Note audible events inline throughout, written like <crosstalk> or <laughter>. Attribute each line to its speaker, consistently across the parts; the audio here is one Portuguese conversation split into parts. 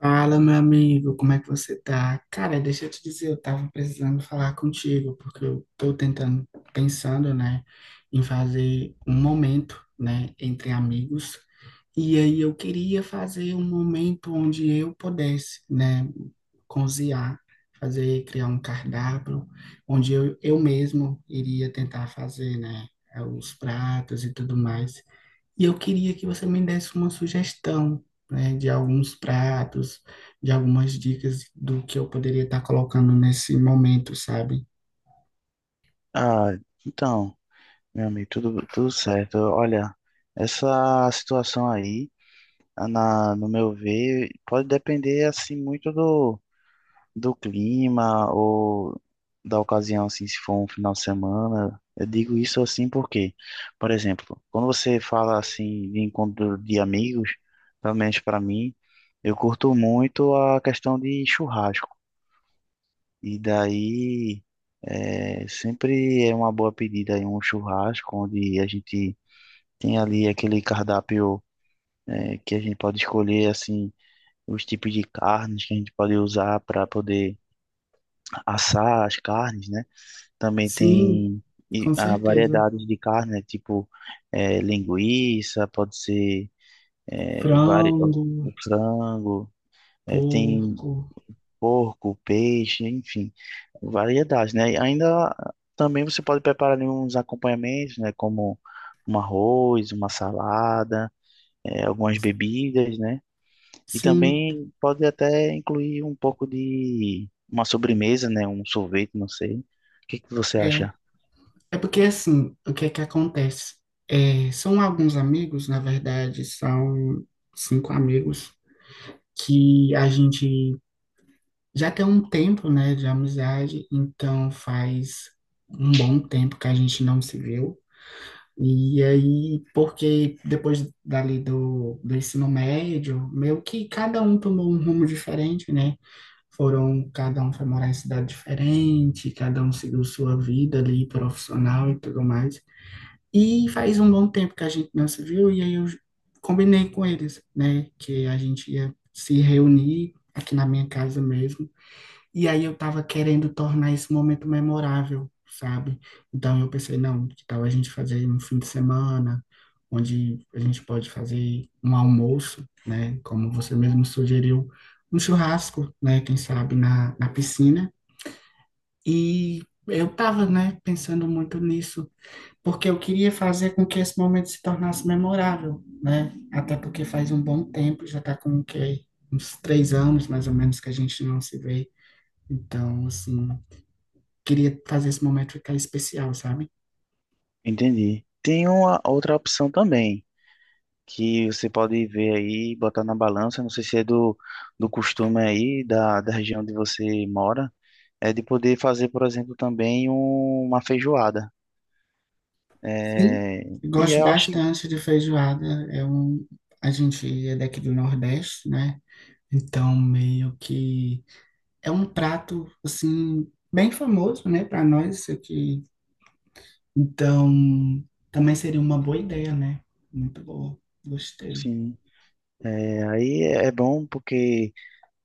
Speaker 1: Fala, meu amigo, como é que você tá? Cara, deixa eu te dizer, eu tava precisando falar contigo, porque eu tô tentando, pensando, né, em fazer um momento, né, entre amigos, e aí eu queria fazer um momento onde eu pudesse, né, cozinhar, fazer, criar um cardápio, onde eu mesmo iria tentar fazer, né, os pratos e tudo mais. E eu queria que você me desse uma sugestão, né, de alguns pratos, de algumas dicas do que eu poderia estar colocando nesse momento, sabe?
Speaker 2: Ah, então, meu amigo, tudo certo. Olha, essa situação aí, no meu ver, pode depender assim muito do clima ou da ocasião, assim, se for um final de semana. Eu digo isso assim porque, por exemplo, quando você fala assim de encontro de amigos, pelo menos para mim, eu curto muito a questão de churrasco. E daí sempre é uma boa pedida aí um churrasco onde a gente tem ali aquele cardápio que a gente pode escolher assim os tipos de carnes que a gente pode usar para poder assar as carnes, né? Também
Speaker 1: Sim,
Speaker 2: tem
Speaker 1: com
Speaker 2: a
Speaker 1: certeza.
Speaker 2: variedades de carne, né? Tipo linguiça, pode ser é, vari...
Speaker 1: Frango,
Speaker 2: o frango, tem
Speaker 1: porco,
Speaker 2: porco, peixe, enfim, variedades, né? E ainda também você pode preparar ali uns acompanhamentos, né? Como um arroz, uma salada, algumas bebidas, né? E
Speaker 1: sim,
Speaker 2: também pode até incluir um pouco de uma sobremesa, né? Um sorvete, não sei. O que que você
Speaker 1: é.
Speaker 2: acha?
Speaker 1: É porque assim, o que é que acontece? É, são alguns amigos, na verdade, são cinco amigos que a gente já tem um tempo, né, de amizade, então faz um bom tempo que a gente não se viu. E aí, porque depois dali do ensino médio, meio que cada um tomou um rumo diferente, né? Foram, cada um foi morar em cidade diferente, cada um seguiu sua vida ali profissional e tudo mais. E faz um bom tempo que a gente não se viu, e aí eu combinei com eles, né, que a gente ia se reunir aqui na minha casa mesmo e aí eu tava querendo tornar esse momento memorável, sabe? Então eu pensei, não, que tal a gente fazer um fim de semana, onde a gente pode fazer um almoço, né? Como você mesmo sugeriu, um churrasco, né? Quem sabe na piscina. E eu tava, né, pensando muito nisso, porque eu queria fazer com que esse momento se tornasse memorável, né? Até porque faz um bom tempo, já tá com o quê? Uns 3 anos, mais ou menos, que a gente não se vê. Então, assim, queria fazer esse momento ficar especial, sabe?
Speaker 2: Entendi. Tem uma outra opção também, que você pode ver aí, botar na balança, não sei se é do costume aí, da região onde você mora, é de poder fazer, por exemplo, também uma feijoada.
Speaker 1: Sim,
Speaker 2: É, e
Speaker 1: gosto
Speaker 2: eu acho,
Speaker 1: bastante de feijoada. É um, a gente é daqui do Nordeste, né? Então, meio que é um prato, assim, bem famoso, né, para nós isso aqui. Então, também seria uma boa ideia, né? Muito boa. Gostei.
Speaker 2: sim, é, aí é bom porque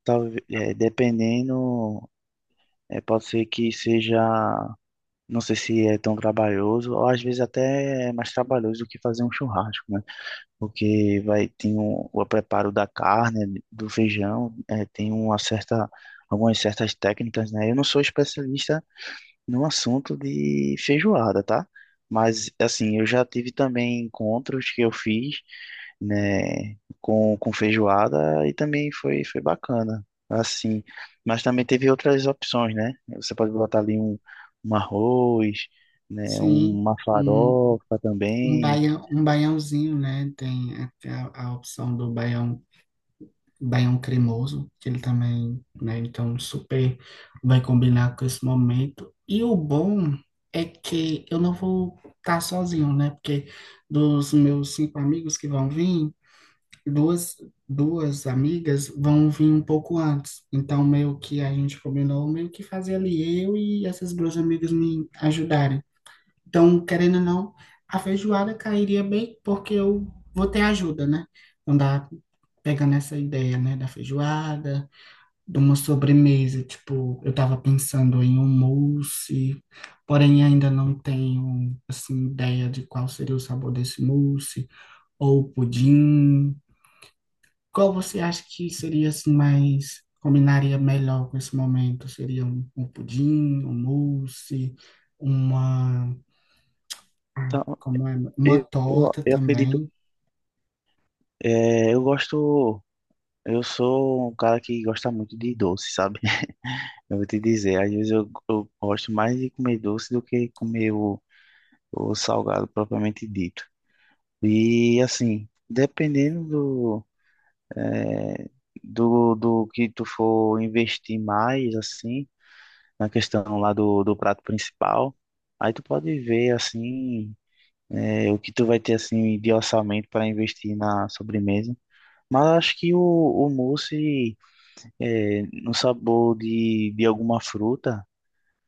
Speaker 2: dependendo, pode ser que seja, não sei se é tão trabalhoso, ou às vezes até é mais trabalhoso do que fazer um churrasco, né? Porque vai, tem o preparo da carne, do feijão, é, tem uma certa, algumas certas técnicas, né? Eu não sou especialista no assunto de feijoada, tá? Mas, assim, eu já tive também encontros que eu fiz, né, com feijoada e também foi bacana, assim. Mas também teve outras opções, né? Você pode botar ali um arroz, né,
Speaker 1: Sim,
Speaker 2: uma
Speaker 1: um,
Speaker 2: farofa
Speaker 1: um,
Speaker 2: também.
Speaker 1: baião, um baiãozinho, né? Tem a opção do baião. Daí é um cremoso, que ele também, né? Então, super vai combinar com esse momento. E o bom é que eu não vou estar sozinho, né? Porque dos meus cinco amigos que vão vir, duas, duas amigas vão vir um pouco antes. Então, meio que a gente combinou, meio que fazer ali eu e essas duas amigas me ajudarem. Então, querendo ou não, a feijoada cairia bem porque eu vou ter ajuda, né? Então dá pegando essa ideia, né, da feijoada, de uma sobremesa, tipo, eu tava pensando em um mousse, porém ainda não tenho assim ideia de qual seria o sabor desse mousse ou pudim. Qual você acha que seria assim mais combinaria melhor com esse momento? Seria um pudim, um mousse, uma
Speaker 2: Então,
Speaker 1: como é uma torta
Speaker 2: eu acredito,
Speaker 1: também.
Speaker 2: é, eu gosto, eu sou um cara que gosta muito de doce, sabe? Eu vou te dizer, às vezes eu gosto mais de comer doce do que comer o salgado propriamente dito. E assim, dependendo do, eh, do que tu for investir mais, assim, na questão lá do prato principal, aí tu pode ver, assim, o que tu vai ter, assim, de orçamento para investir na sobremesa. Mas eu acho que o mousse, no sabor de alguma fruta,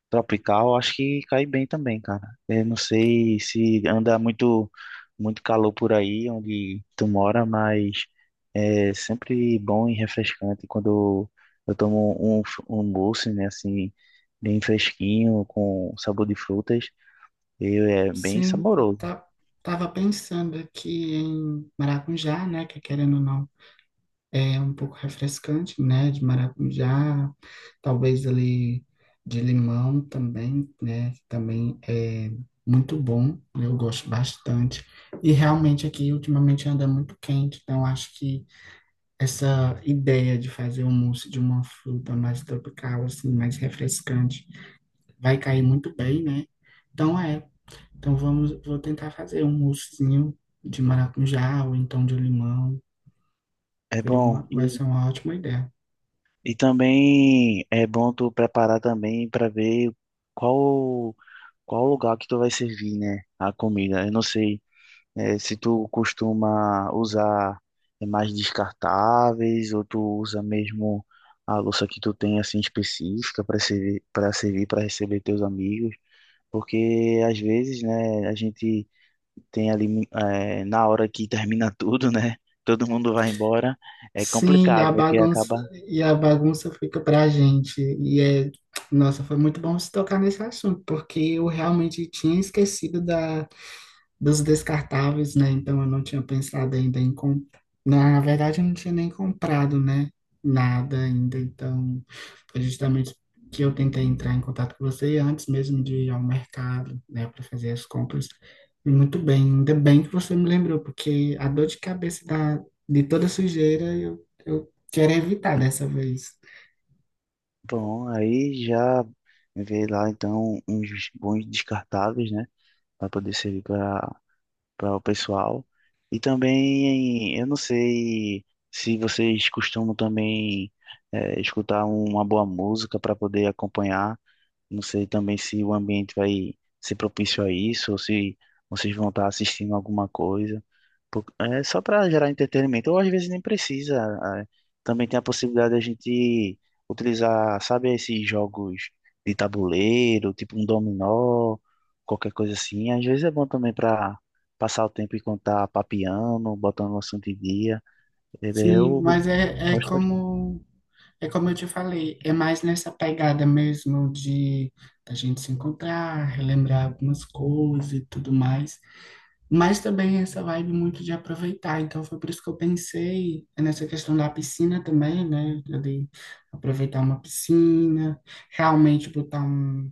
Speaker 2: tropical, acho que cai bem também, cara. Eu não sei se anda muito calor por aí onde tu mora, mas é sempre bom e refrescante quando eu tomo um, um mousse, né, assim, bem fresquinho, com sabor de frutas, e é bem
Speaker 1: Sim,
Speaker 2: saboroso.
Speaker 1: tava pensando aqui em maracujá, né? Que querendo ou não, é um pouco refrescante, né? De maracujá, talvez ali de limão também, né? que Também é muito bom, eu gosto bastante. E realmente aqui ultimamente anda muito quente, então acho que essa ideia de fazer um mousse de uma fruta mais tropical, assim, mais refrescante vai cair muito bem, né? Então é, então, vou tentar fazer um moussezinho de maracujá ou então de limão.
Speaker 2: É
Speaker 1: Seria
Speaker 2: bom.
Speaker 1: uma, vai ser uma ótima ideia.
Speaker 2: E também é bom tu preparar também para ver qual qual lugar que tu vai servir, né, a comida. Eu não sei. É, se tu costuma usar mais descartáveis ou tu usa mesmo a louça que tu tem assim específica para servir para receber teus amigos, porque às vezes, né, a gente tem ali na hora que termina <laughs> tudo, né, todo mundo vai embora, é
Speaker 1: Sim,
Speaker 2: complicado porque acaba.
Speaker 1: e a bagunça fica pra gente. E é, nossa, foi muito bom se tocar nesse assunto, porque eu realmente tinha esquecido da dos descartáveis, né? Então eu não tinha pensado ainda em comprar. Na verdade, eu não tinha nem comprado, né? Nada ainda. Então, foi justamente que eu tentei entrar em contato com você antes mesmo de ir ao mercado, né? Para fazer as compras. E muito bem, ainda bem que você me lembrou, porque a dor de cabeça da, de toda sujeira eu quero evitar dessa vez.
Speaker 2: Bom, aí já vê lá então uns bons descartáveis, né, para poder servir para para o pessoal. E também, eu não sei se vocês costumam também escutar uma boa música para poder acompanhar. Não sei também se o ambiente vai ser propício a isso, ou se vocês vão estar assistindo alguma coisa. Pô, é só para gerar entretenimento, ou às vezes nem precisa. É. Também tem a possibilidade da gente utilizar, sabe, esses jogos de tabuleiro, tipo um dominó, qualquer coisa assim. Às vezes é bom também para passar o tempo e contar papiando, botando o assunto em dia. É,
Speaker 1: Sim,
Speaker 2: eu gosto bastante.
Speaker 1: é como eu te falei, é mais nessa pegada mesmo de a gente se encontrar, relembrar algumas coisas e tudo mais. Mas também essa vibe muito de aproveitar. Então foi por isso que eu pensei nessa questão da piscina também, né? De aproveitar uma piscina, realmente botar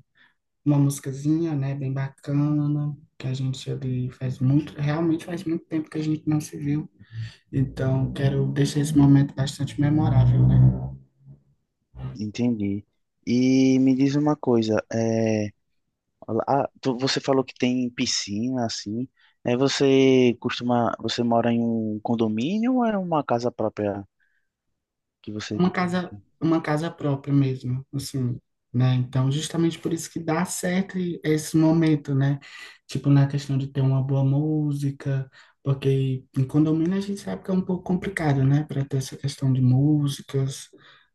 Speaker 1: uma musicazinha, né? Bem bacana, que a gente ali faz muito, realmente faz muito tempo que a gente não se viu. Então quero deixar esse momento bastante memorável, né?
Speaker 2: Entendi. E me diz uma coisa, é, ah, você falou que tem piscina, assim. É, você costuma, você mora em um condomínio ou é uma casa própria que você...
Speaker 1: uma casa, uma casa própria mesmo, assim, né? Então, justamente por isso que dá certo esse momento, né? Tipo, na questão de ter uma boa música, porque em condomínio a gente sabe que é um pouco complicado, né? Para ter essa questão de músicas,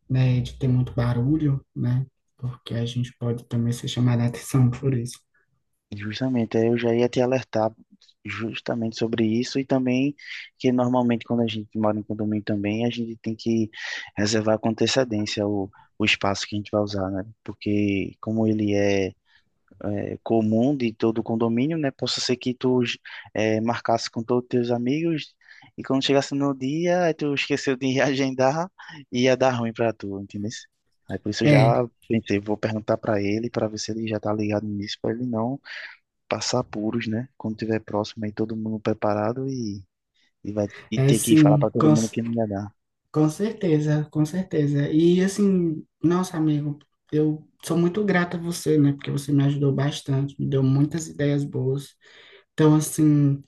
Speaker 1: né? De ter muito barulho, né? Porque a gente pode também ser chamado a atenção <laughs> por isso.
Speaker 2: Justamente, aí eu já ia te alertar justamente sobre isso e também que normalmente quando a gente mora em condomínio também, a gente tem que reservar com antecedência o espaço que a gente vai usar, né? Porque como ele é comum de todo o condomínio, né? Possa ser que tu marcasse com todos os teus amigos e quando chegasse no dia, aí tu esqueceu de <laughs> reagendar e ia dar ruim pra tu, entendeu? Aí por isso eu
Speaker 1: É,
Speaker 2: já pensei, vou perguntar pra ele para ver se ele já tá ligado nisso, pra ele não passar apuros, né? Quando tiver próximo aí todo mundo preparado e vai e
Speaker 1: é,
Speaker 2: ter que falar pra
Speaker 1: sim.
Speaker 2: todo mundo que não ia dar.
Speaker 1: Com certeza, com certeza. E assim, nossa, amigo, eu sou muito grata a você, né? Porque você me ajudou bastante, me deu muitas ideias boas. Então, assim,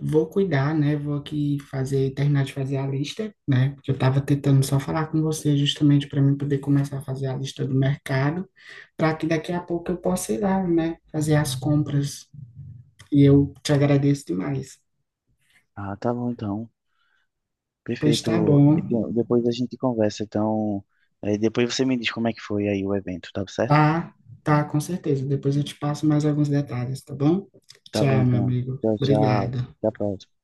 Speaker 1: vou cuidar, né? Vou aqui fazer, terminar de fazer a lista, né? Porque eu tava tentando só falar com você justamente para mim poder começar a fazer a lista do mercado, para que daqui a pouco eu possa ir lá, né? Fazer as compras. E eu te agradeço demais.
Speaker 2: Ah, tá bom então.
Speaker 1: Pois tá
Speaker 2: Perfeito.
Speaker 1: bom.
Speaker 2: E depois a gente conversa, então. Depois você me diz como é que foi aí o evento, tá certo?
Speaker 1: Tá, tá, com certeza. Depois eu te passo mais alguns detalhes, tá bom?
Speaker 2: Tá bom
Speaker 1: Tchau, meu
Speaker 2: então.
Speaker 1: amigo.
Speaker 2: Tchau, tchau.
Speaker 1: Obrigado.
Speaker 2: Até a próxima.